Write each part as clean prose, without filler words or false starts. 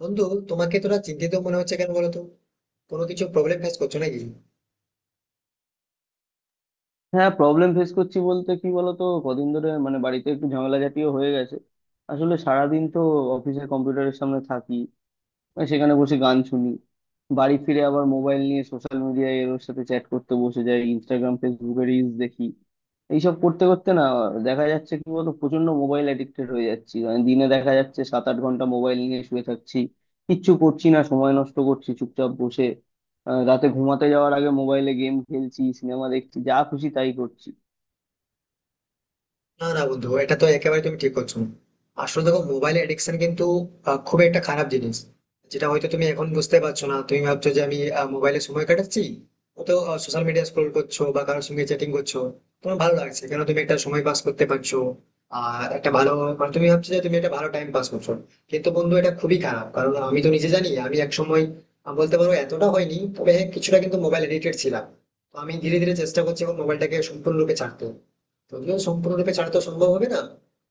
বন্ধু, তোমাকে তোরা চিন্তিত মনে হচ্ছে কেন বলো তো? কোনো কিছু প্রবলেম ফেস করছো নাকি? হ্যাঁ, প্রবলেম ফেস করছি বলতে কি বলতো, কদিন ধরে বাড়িতে একটু ঝামেলা জাতীয় হয়ে গেছে। আসলে সারাদিন তো অফিসের কম্পিউটারের সামনে থাকি, আর সেখানে বসে গান শুনি। বাড়ি ফিরে আবার মোবাইল নিয়ে সোশ্যাল মিডিয়ায় এর ওর সাথে চ্যাট করতে বসে যাই, ইনস্টাগ্রাম ফেসবুকে রিলস দেখি। এইসব করতে করতে না, দেখা যাচ্ছে কি বলতো, প্রচন্ড মোবাইল অ্যাডিক্টেড হয়ে যাচ্ছি। দিনে দেখা যাচ্ছে 7 8 ঘন্টা মোবাইল নিয়ে শুয়ে থাকছি, কিচ্ছু করছি না, সময় নষ্ট করছি চুপচাপ বসে। রাতে ঘুমাতে যাওয়ার আগে মোবাইলে গেম খেলছি, সিনেমা দেখছি, যা খুশি তাই করছি। না না বন্ধু, এটা তো একেবারে তুমি ঠিক করছো। আসলে দেখো, মোবাইল এডিকশন কিন্তু খুব একটা খারাপ জিনিস, যেটা হয়তো তুমি এখন বুঝতে পারছো না। তুমি ভাবছো যে আমি মোবাইলে সময় কাটাচ্ছি, তো সোশ্যাল মিডিয়া স্ক্রোল করছো বা কারোর সঙ্গে চ্যাটিং করছো, তোমার ভালো লাগছে, কেন তুমি একটা সময় পাস করতে পারছো। আর একটা ভালো, মানে তুমি ভাবছো যে তুমি একটা ভালো টাইম পাস করছো। কিন্তু বন্ধু, এটা খুবই খারাপ, কারণ আমি তো নিজে জানি, আমি এক সময় বলতে পারো এতটা হয়নি, তবে হ্যাঁ, কিছুটা কিন্তু মোবাইল এডিক্টেড ছিলাম। তো আমি ধীরে ধীরে চেষ্টা করছি এখন মোবাইলটাকে সম্পূর্ণরূপে ছাড়তে। যদিও সম্পূর্ণরূপে ছাড়া তো সম্ভব হবে না।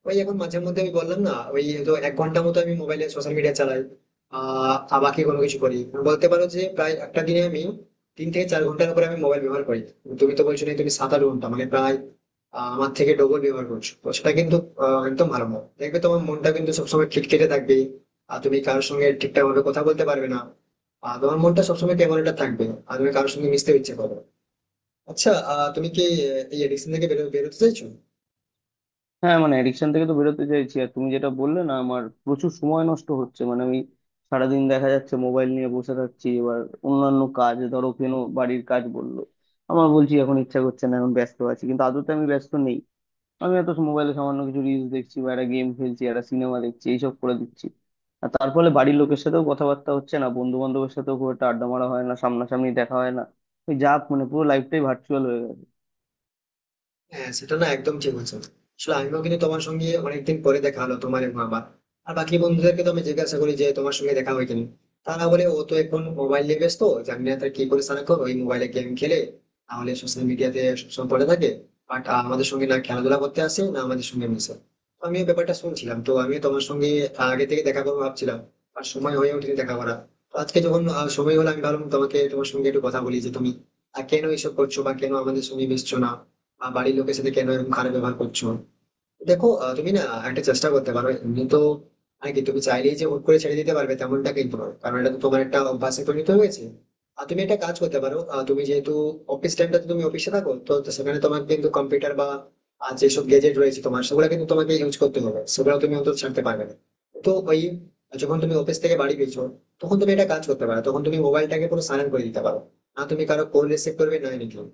ওই এখন মাঝে মধ্যে আমি বললাম না, ওই তো এক ঘন্টা মতো আমি মোবাইলে সোশ্যাল মিডিয়া চালাই, আর বাকি কোনো কিছু করি না। বলতে পারো যে প্রায় একটা দিনে আমি তিন থেকে চার ঘন্টার উপরে আমি মোবাইল ব্যবহার করি। তুমি তো বলছো না, তুমি সাত আট ঘন্টা মানে প্রায় আমার থেকে ডবল ব্যবহার করছো, তো সেটা কিন্তু একদম ভালো না। দেখবে তোমার মনটা কিন্তু সবসময় খিটখিটে থাকবে, আর তুমি কারোর সঙ্গে ঠিকঠাক ভাবে কথা বলতে পারবে না, আর তোমার মনটা সবসময় কেমন একটা থাকবে, আর তুমি কারোর সঙ্গে মিশতে ইচ্ছে করো। আচ্ছা তুমি কি এই এডিকশন থেকে বেরোতে চাইছো? হ্যাঁ, অ্যাডিকশন থেকে তো বেরোতে চাইছি। আর তুমি যেটা বললে না, আমার প্রচুর সময় নষ্ট হচ্ছে। আমি সারাদিন দেখা যাচ্ছে মোবাইল নিয়ে বসে থাকছি। এবার অন্যান্য কাজ ধরো কেন, বাড়ির কাজ বললো আমার, বলছি এখন ইচ্ছা করছে না, এখন ব্যস্ত আছি, কিন্তু আদতে আমি ব্যস্ত নেই। আমি এত মোবাইলে সামান্য কিছু রিলস দেখছি বা একটা গেম খেলছি, একটা সিনেমা দেখছি, এইসব করে দিচ্ছি। আর তার ফলে বাড়ির লোকের সাথেও কথাবার্তা হচ্ছে না, বন্ধু বান্ধবের সাথেও খুব একটা আড্ডা মারা হয় না, সামনাসামনি দেখা হয় না। ওই যা, পুরো লাইফটাই ভার্চুয়াল হয়ে গেছে। হ্যাঁ সেটা না, একদম ঠিক বলছো। আসলে আমিও কিন্তু তোমার সঙ্গে অনেকদিন পরে দেখা হলো, তোমার এবং আমার। আর বাকি বন্ধুদেরকে তো আমি জিজ্ঞাসা করি যে তোমার সঙ্গে দেখা হয় কিনা। তারা বলে, ও তো এখন মোবাইল নিয়ে ব্যস্ত, জানি না তার কি করে সারা করে, ওই মোবাইলে গেম খেলে, তাহলে সোশ্যাল মিডিয়াতে সবসময় পড়ে থাকে, বাট আমাদের সঙ্গে না খেলাধুলা করতে আসে, না আমাদের সঙ্গে মিশে। তো আমিও ব্যাপারটা শুনছিলাম, তো আমিও তোমার সঙ্গে আগে থেকে দেখা করবো ভাবছিলাম, আর সময় হয়ে ওঠেনি দেখা করা। তো আজকে যখন সময় হলো, আমি ভাবলাম তোমাকে, তোমার সঙ্গে একটু কথা বলি, যে তুমি কেন এইসব করছো বা কেন আমাদের সঙ্গে মিশছো না, বাড়ির লোকের সাথে কেন এরকম খারাপ ব্যবহার করছো। দেখো তুমি না একটা চেষ্টা করতে পারো এমনি তো। মানে কি, তুমি চাইলেই যে হুট করে ছেড়ে দিতে পারবে তেমনটা কিন্তু নয়, কারণ এটা তো তোমার একটা অভ্যাসে পরিণত হয়েছে। আর তুমি একটা কাজ করতে পারো, তুমি যেহেতু অফিস টাইমটা তুমি অফিসে থাকো, তো তো সেখানে তোমার কিন্তু কম্পিউটার বা আর যেসব গ্যাজেট রয়েছে তোমার, সেগুলো কিন্তু তোমাকে ইউজ করতে হবে, সেগুলো তুমি অন্তত ছাড়তে পারবে না। তো ওই যখন তুমি অফিস থেকে বাড়ি ফিরছো, তখন তুমি একটা কাজ করতে পারো, তখন তুমি মোবাইলটাকে পুরো সাইলেন্ট করে দিতে পারো। না, তুমি কারো কল রিসিভ করবে না, এনিথিং।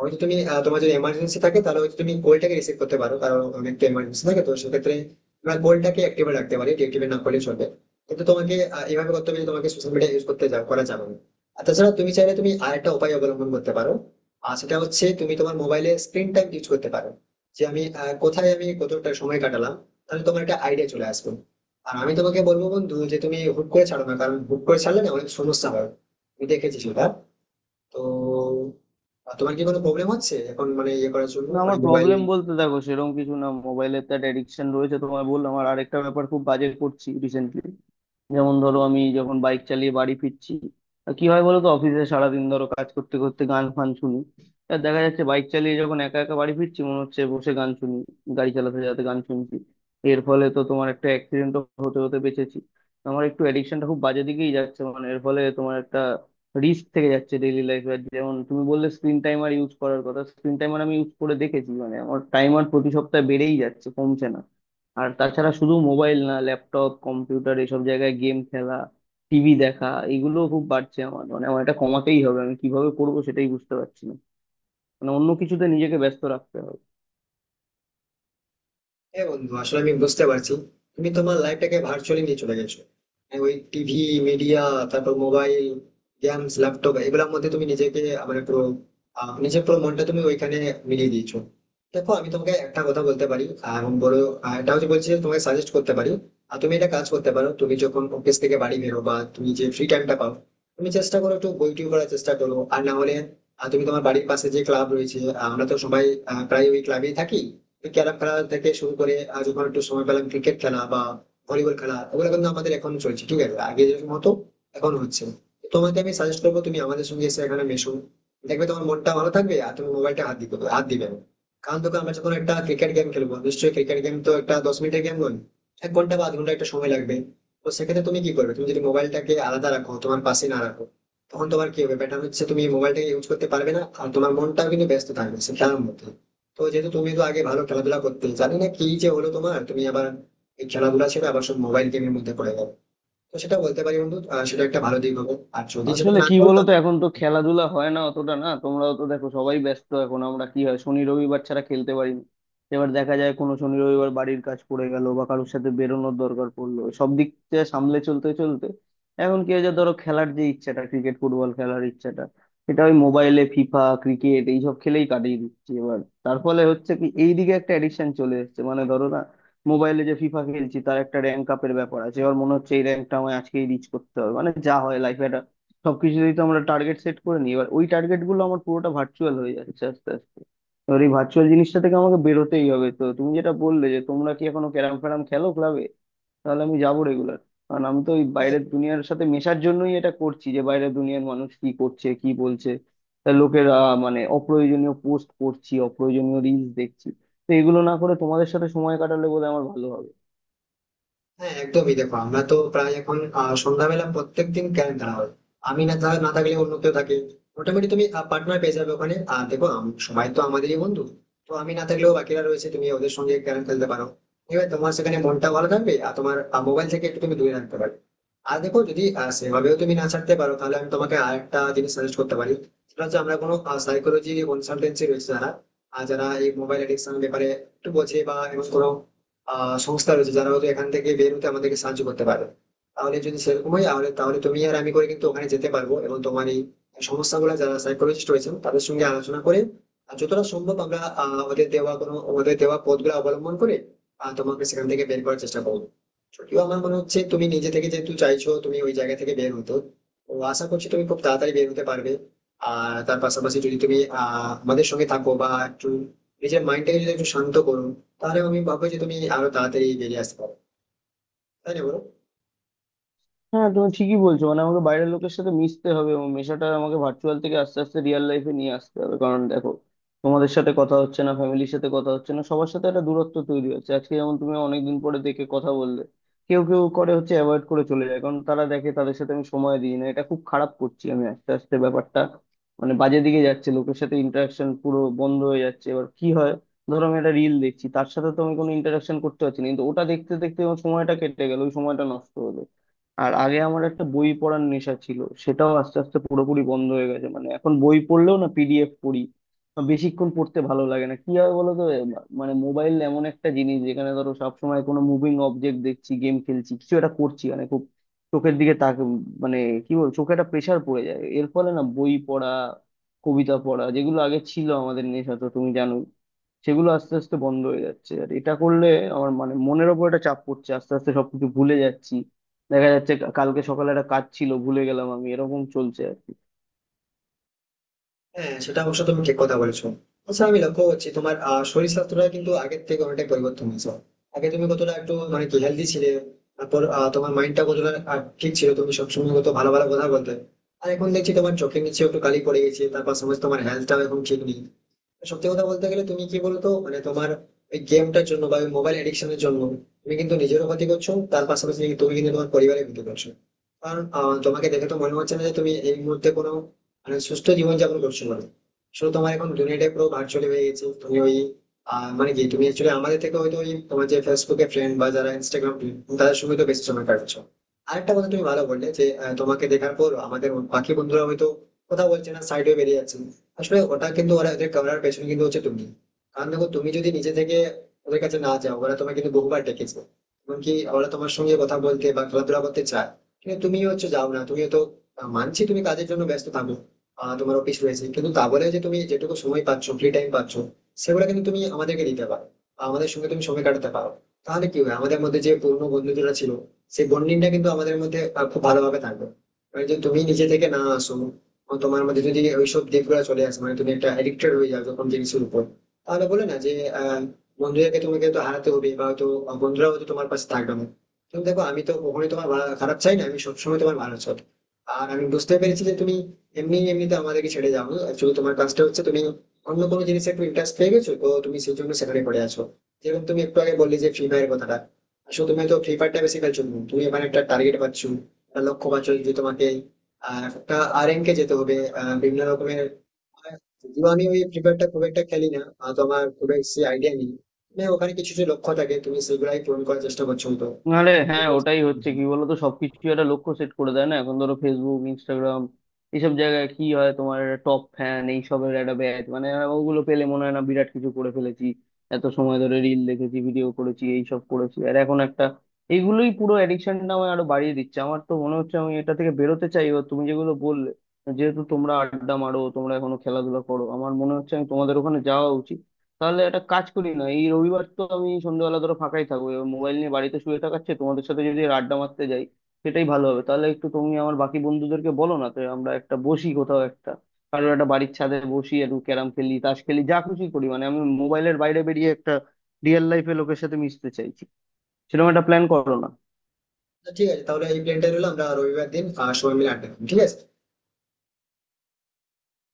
হয়তো তুমি তোমার যদি এমার্জেন্সি থাকে তাহলে হয়তো তুমি কলটাকে রিসিভ করতে পারো, কারণ অনেক তো এমার্জেন্সি থাকে, তো সেক্ষেত্রে তোমার কলটাকে অ্যাক্টিভে রাখতে পারি, ডিঅ্যাক্টিভেট না করলে চলবে। কিন্তু তোমাকে এভাবে করতে হবে যে তোমাকে সোশ্যাল মিডিয়া ইউজ করতে করা যাবে না। আর তাছাড়া তুমি চাইলে তুমি আরেকটা উপায় অবলম্বন করতে পারো, আর সেটা হচ্ছে তুমি তোমার মোবাইলে স্ক্রিন টাইম ইউজ করতে পারো, যে আমি কোথায় আমি কতটা সময় কাটালাম। তাহলে তোমার একটা আইডিয়া চলে আসবে। আর আমি তোমাকে বলবো বন্ধু, যে তুমি হুট করে ছাড়ো না, কারণ হুট করে ছাড়লে না অনেক সমস্যা হয়, আমি দেখেছি সেটা। তো তোমার কি কোনো প্রবলেম হচ্ছে এখন, মানে ইয়ে করার জন্য না, ওই আমার মোবাইল? প্রবলেম বলতে দেখো সেরকম কিছু না। মোবাইলের তো একটা অ্যাডিকশন রয়েছে, তোমায় বললাম। আর আরেকটা ব্যাপার খুব বাজে করছি রিসেন্টলি, যেমন ধরো আমি যখন বাইক চালিয়ে বাড়ি ফিরছি, কি হয় বলো তো, অফিসে সারাদিন ধরো কাজ করতে করতে গান ফান শুনি। আর দেখা যাচ্ছে বাইক চালিয়ে যখন একা একা বাড়ি ফিরছি, মনে হচ্ছে বসে গান শুনি। গাড়ি চালাতে চালাতে গান শুনছি, এর ফলে তো তোমার একটা অ্যাক্সিডেন্ট হতে হতে বেঁচেছি। আমার একটু অ্যাডিকশনটা খুব বাজে দিকেই যাচ্ছে। এর ফলে তোমার একটা রিস্ক থেকে যাচ্ছে ডেইলি লাইফে। যেমন তুমি বললে স্ক্রিন টাইমার ইউজ করার কথা, স্ক্রিন টাইমার আমি ইউজ করে দেখেছি, আমার টাইমার প্রতি সপ্তাহে বেড়েই যাচ্ছে, কমছে না। আর তাছাড়া শুধু মোবাইল না, ল্যাপটপ কম্পিউটার এসব জায়গায় গেম খেলা, টিভি দেখা, এগুলো খুব বাড়ছে আমার। আমার এটা কমাতেই হবে, আমি কিভাবে করবো সেটাই বুঝতে পারছি না। অন্য কিছুতে নিজেকে ব্যস্ত রাখতে হবে। হ্যাঁ বন্ধু, আসলে আমি বুঝতে পারছি তুমি তোমার লাইফটাকে ভার্চুয়ালি নিয়ে চলে গেছো। মানে ওই টিভি, মিডিয়া, তারপর মোবাইল, গেমস, ল্যাপটপ, এগুলোর মধ্যে তুমি নিজেকে, মানে পুরো নিজের পুরো মনটা তুমি ওইখানে মিলিয়ে দিয়েছো। দেখো, আমি তোমাকে একটা কথা বলতে পারি, আর বড়, আর এটা হচ্ছে বলছি যে তোমাকে সাজেস্ট করতে পারি, আর তুমি এটা কাজ করতে পারো। তুমি যখন অফিস থেকে বাড়ি বেরো, বা তুমি যে ফ্রি টাইমটা পাও, তুমি চেষ্টা করো একটু বই টিউ পড়ার চেষ্টা করো, আর না হলে তুমি তোমার বাড়ির পাশে যে ক্লাব রয়েছে, আমরা তো সবাই প্রায় ওই ক্লাবেই থাকি। ক্যারাম খেলা থেকে শুরু করে আজ যখন একটু সময় পেলাম, ক্রিকেট খেলা বা ভলিবল খেলা, ওগুলো কিন্তু আমাদের এখন চলছে, ঠিক আছে? আগে যেরকম হতো এখন হচ্ছে। তোমাকে আমি সাজেস্ট করবো, তুমি আমাদের সঙ্গে এসে এখানে মেশো, দেখবে তোমার মনটা ভালো থাকবে, আর তুমি মোবাইলটা হাত দিতে হাত দিবে না। কারণ দেখো, আমরা যখন একটা ক্রিকেট গেম খেলবো, নিশ্চয়ই ক্রিকেট গেম তো একটা দশ মিনিটের গেম নয়, এক ঘন্টা বা আধ ঘন্টা একটা সময় লাগবে। তো সেক্ষেত্রে তুমি কি করবে, তুমি যদি মোবাইলটাকে আলাদা রাখো, তোমার পাশে না রাখো, তখন তোমার কি হবে, ব্যাটার হচ্ছে তুমি মোবাইলটাকে ইউজ করতে পারবে না, আর তোমার মনটাও কিন্তু ব্যস্ত থাকবে সে খেলার মধ্যে। তো যেহেতু তুমি তো আগে ভালো খেলাধুলা করতে, জানি না কি যে হলো তোমার, তুমি আবার এই খেলাধুলা ছেড়ে আবার সব মোবাইল গেমের মধ্যে পড়ে গেলো। তো সেটা বলতে পারি বন্ধু, সেটা একটা ভালো দিক হবে, আর যদি সেটা আসলে না কি করো, বলতো, এখন তো খেলাধুলা হয় না অতটা। না, তোমরাও তো দেখো সবাই ব্যস্ত এখন। আমরা কি হয়, শনি রবিবার ছাড়া খেলতে পারি না। এবার দেখা যায় কোনো শনি রবিবার বাড়ির কাজ পড়ে গেল বা কারোর সাথে বেরোনোর দরকার পড়লো, সব দিক থেকে সামলে চলতে চলতে এখন কি হয়েছে, ধরো খেলার যে ইচ্ছাটা, ক্রিকেট ফুটবল খেলার ইচ্ছাটা, এটা ওই মোবাইলে ফিফা ক্রিকেট এইসব খেলেই কাটিয়ে দিচ্ছি। এবার তার ফলে হচ্ছে কি, এইদিকে একটা এডিকশন চলে এসেছে। ধরো না, মোবাইলে যে ফিফা খেলছি, তার একটা র্যাঙ্ক আপের ব্যাপার আছে। এবার মনে হচ্ছে এই র্যাঙ্কটা আমায় আজকেই রিচ করতে হবে। যা হয় লাইফে, সবকিছুতেই তো আমরা টার্গেট সেট করে নিই। এবার ওই টার্গেট গুলো আমার পুরোটা ভার্চুয়াল হয়ে যাচ্ছে আস্তে আস্তে। এবার এই ভার্চুয়াল জিনিসটা থেকে আমাকে বেরোতেই হবে। তো তুমি যেটা বললে যে তোমরা কি এখনো ক্যারাম ফ্যারাম খেলো ক্লাবে, তাহলে আমি যাবো রেগুলার। কারণ আমি তো ওই তাহলে বাইরের দুনিয়ার সাথে মেশার জন্যই এটা করছি, যে বাইরের দুনিয়ার মানুষ কি করছে কি বলছে। তা লোকেরা, অপ্রয়োজনীয় পোস্ট করছি, অপ্রয়োজনীয় রিলস দেখছি, তো এগুলো না করে তোমাদের সাথে সময় কাটালে বোধহয় আমার ভালো হবে। হ্যাঁ একদমই দেখো আমরা তো প্রায় এখন সন্ধ্যাবেলা প্রত্যেকদিন ক্যারেম খেলা হয়, আমি না থাকলে অন্য কেউ থাকে। মোটামুটি তুমি পার্টনার পেয়ে যাবে ওখানে। আর দেখো সবাই তো আমাদেরই বন্ধু, তো আমি না থাকলেও বাকিরা রয়েছে, তুমি ওদের সঙ্গে ক্যারেম খেলতে পারো। এবার তোমার সেখানে মনটা ভালো থাকবে, আর তোমার মোবাইল থেকে একটু তুমি দূরে রাখতে পারবে। আর দেখো, যদি সেভাবেও তুমি না ছাড়তে পারো, তাহলে আমি তোমাকে আরেকটা জিনিস সাজেস্ট করতে পারি। সেটা হচ্ছে আমরা কোনো সাইকোলজি কনসালটেন্সি রয়েছে যারা, আর যারা এই মোবাইল এডিকশন ব্যাপারে একটু বোঝে, বা এমন কোনো সংস্থা রয়েছে যারা হয়তো এখান থেকে বের হতে আমাদেরকে সাহায্য করতে পারে। তাহলে যদি সেরকম হয়, তাহলে তাহলে তুমি আর আমি করে কিন্তু ওখানে যেতে পারবো, এবং তোমার এই সমস্যাগুলো যারা সাইকোলজিস্ট রয়েছেন তাদের সঙ্গে আলোচনা করে, আর যতটা সম্ভব আমরা ওদের দেওয়া কোনো ওদের দেওয়া পথগুলো অবলম্বন করে তোমাকে সেখান থেকে বের করার চেষ্টা করবো। যদিও আমার মনে হচ্ছে তুমি নিজে থেকে যেহেতু চাইছো তুমি ওই জায়গা থেকে বের হতো, ও আশা করছি তুমি খুব তাড়াতাড়ি বের হতে পারবে। আর তার পাশাপাশি যদি তুমি আমাদের সঙ্গে থাকো, বা একটু নিজের মাইন্ডটাকে যদি একটু শান্ত করো, তাহলে আমি ভাববো যে তুমি আরো তাড়াতাড়ি বেরিয়ে আসতে পারো, তাই না বলো? হ্যাঁ, তুমি ঠিকই বলছো। আমাকে বাইরের লোকের সাথে মিশতে হবে, এবং মেশাটা আমাকে ভার্চুয়াল থেকে আস্তে আস্তে রিয়েল লাইফে নিয়ে আসতে হবে। কারণ দেখো, তোমাদের সাথে কথা হচ্ছে না, ফ্যামিলির সাথে কথা হচ্ছে না, সবার সাথে একটা দূরত্ব তৈরি হচ্ছে। আজকে যেমন তুমি অনেকদিন পরে দেখে কথা বললে, কেউ কেউ করে হচ্ছে অ্যাভয়েড করে চলে যায়, কারণ তারা দেখে তাদের সাথে আমি সময় দিই না। এটা খুব খারাপ করছি আমি, আস্তে আস্তে ব্যাপারটা বাজে দিকে যাচ্ছে। লোকের সাথে ইন্টারাকশন পুরো বন্ধ হয়ে যাচ্ছে। এবার কি হয়, ধরো আমি একটা রিল দেখছি, তার সাথে তো আমি কোনো ইন্টারাকশন করতে পারছি না, কিন্তু ওটা দেখতে দেখতে আমার সময়টা কেটে গেল, ওই সময়টা নষ্ট হলো। আর আগে আমার একটা বই পড়ার নেশা ছিল, সেটাও আস্তে আস্তে পুরোপুরি বন্ধ হয়ে গেছে। এখন বই পড়লেও না PDF পড়ি বা বেশিক্ষণ পড়তে ভালো লাগে না। কি হয় বলো তো, মানে মোবাইল এমন একটা জিনিস যেখানে ধরো সবসময় কোনো মুভিং অবজেক্ট দেখছি, গেম খেলছি, কিছু একটা করছি। খুব চোখের দিকে তাক, মানে কি বল চোখে একটা প্রেশার পড়ে যায়। এর ফলে না বই পড়া, কবিতা পড়া, যেগুলো আগে ছিল আমাদের নেশা, তো তুমি জানো, সেগুলো আস্তে আস্তে বন্ধ হয়ে যাচ্ছে। আর এটা করলে আমার মনের ওপর একটা চাপ পড়ছে, আস্তে আস্তে সবকিছু ভুলে যাচ্ছি। দেখা যাচ্ছে কালকে সকালে একটা কাজ ছিল, ভুলে গেলাম আমি। এরকম চলছে আর কি। হ্যাঁ, সেটা অবশ্য তুমি ঠিক কথা বলেছো। আচ্ছা, আমি লক্ষ্য করছি তোমার শরীর স্বাস্থ্যটা কিন্তু আগের থেকে অনেকটাই পরিবর্তন হয়েছে। আগে তুমি কতটা একটু মানে কি হেলদি ছিলে, তারপর তোমার মাইন্ডটা কতটা ঠিক ছিল, তুমি সবসময় কত ভালো ভালো কথা বলতে। আর এখন দেখছি তোমার চোখে নিচে একটু কালি পড়ে গেছে, তার পাশাপাশি তোমার হেলথটাও এখন ঠিক নেই। সত্যি কথা বলতে গেলে তুমি কি বলতো, মানে তোমার ওই গেমটার জন্য বা ওই মোবাইল এডিকশনের জন্য তুমি কিন্তু নিজেরও ক্ষতি করছো, তার পাশাপাশি কিন্তু তুমি কিন্তু তোমার পরিবারের ক্ষতি করছো। কারণ তোমাকে দেখে তো মনে হচ্ছে না যে তুমি এই মুহূর্তে কোনো, মানে সুস্থ জীবনযাপন করছো, মানে শুধু তোমার এখন দুনিয়াটাই পুরো ভার্চুয়ালি হয়ে গেছে, তুমি ওই মানে কি, তুমি অ্যাকচুয়ালি আমাদের থেকে হয়তো ওই তোমার যে ফেসবুকে ফ্রেন্ড, বা যারা ইনস্টাগ্রাম, তাদের সঙ্গে তো বেশি সময় কাটাচ্ছো। আরেকটা কথা, তুমি ভালো বললে যে তোমাকে দেখার পর আমাদের বাকি বন্ধুরা হয়তো কথা বলছে না, সাইডে বেরিয়ে যাচ্ছে। আসলে ওটা কিন্তু ওরা ওদের ক্যামেরার পেছনে কিন্তু হচ্ছে, তুমি, কারণ দেখো তুমি যদি নিজে থেকে ওদের কাছে না যাও, ওরা তোমাকে কিন্তু বহুবার ডেকেছে। এমনকি ওরা তোমার সঙ্গে কথা বলতে বা খেলাধুলা করতে চায়, কিন্তু তুমি হচ্ছে যাও না তুমি তো। মানছি তুমি কাজের জন্য ব্যস্ত থাকো, তোমার অফিস রয়েছে, কিন্তু তা বলে যে তুমি যেটুকু সময় পাচ্ছ, ফ্রি টাইম পাচ্ছ, সেগুলো কিন্তু তুমি আমাদেরকে দিতে পারো, বা আমাদের সঙ্গে তুমি সময় কাটাতে পারো। তাহলে কি হয়, আমাদের মধ্যে যে পুরনো বন্ধুরা ছিল, সেই বন্ডিংটা কিন্তু আমাদের মধ্যে খুব ভালোভাবে থাকবে। এবার যদি তুমি নিজে থেকে না আসো, ও তোমার মধ্যে যদি ওইসব দিকগুলো চলে আসে, মানে তুমি একটা এডিক্টেড হয়ে যাও যখন জিনিসের উপর, তাহলে বলে না যে আহ, বন্ধুদেরকে তোমাকে তো হারাতে হবে, বা হয়তো বন্ধুরা হয়তো তোমার পাশে থাকবে না। তুমি দেখো, আমি তো কখনোই তোমার খারাপ চাই না, আমি সবসময় তোমার ভালো চাই। আর আমি বুঝতে পেরেছি যে তুমি এমনি এমনিতে আমাদেরকে ছেড়ে যাও, অ্যাকচুয়ালি তোমার কাজটা হচ্ছে তুমি অন্য কোনো জিনিসে একটু ইন্টারেস্ট পেয়ে গেছো, তো তুমি সেই জন্য সেখানে পড়ে আছো। যেরকম তুমি একটু আগে বললে যে ফ্রি ফায়ার কথাটা, আসলে তুমি তো ফ্রি ফায়ারটা বেশি খেলছো না। তুমি এখানে একটা টার্গেট পাচ্ছো, একটা লক্ষ্য পাচ্ছো যে তোমাকে আর একটা আরএন কে যেতে হবে, বিভিন্ন রকমের। যদিও আমি ওই প্রিপেয়ারটা খুব একটা খেলি না, তো আমার খুব বেশি আইডিয়া নেই। মানে ওখানে কিছু যে লক্ষ্য থাকে, তুমি সেগুলাই পূরণ করার চেষ্টা করছো তো। আরে হ্যাঁ, ওটাই হুম, হচ্ছে হুম। কি বলতো, সবকিছু একটা লক্ষ্য সেট করে দেয় না। এখন ধরো ফেসবুক ইনস্টাগ্রাম এইসব জায়গায় কি হয়, তোমার টপ ফ্যান এইসবের একটা ব্যাচ, ওগুলো পেলে মনে হয় না বিরাট কিছু করে ফেলেছি। এত সময় ধরে রিল দেখেছি, ভিডিও করেছি, এইসব করেছি, আর এখন একটা এইগুলোই পুরো অ্যাডিকশনটা আমায় আরো বাড়িয়ে দিচ্ছে। আমার তো মনে হচ্ছে আমি এটা থেকে বেরোতে চাই। এবার তুমি যেগুলো বললে, যেহেতু তোমরা আড্ডা মারো, তোমরা এখনো খেলাধুলা করো, আমার মনে হচ্ছে আমি তোমাদের ওখানে যাওয়া উচিত। তাহলে একটা কাজ করি না, এই রবিবার তো আমি সন্ধ্যেবেলা ধরো ফাঁকাই থাকবো, এবার মোবাইল নিয়ে বাড়িতে শুয়ে থাকার চেয়ে তোমাদের সাথে যদি এর আড্ডা মারতে যাই, সেটাই ভালো হবে। তাহলে একটু তুমি আমার বাকি বন্ধুদেরকে বলো না, তো আমরা একটা বসি কোথাও একটা, কারোর একটা বাড়ির ছাদে বসি, একটু ক্যারাম খেলি, তাস খেলি, যা খুশি করি। আমি মোবাইলের বাইরে বেরিয়ে একটা রিয়েল লাইফে লোকের সাথে মিশতে চাইছি। সেরকম একটা প্ল্যান করো না। ঠিক আছে, তাহলে এই প্ল্যানটাই রইলো, আমরা রবিবার দিন সবাই মিলে আড্ডা দিবো, ঠিক আছে?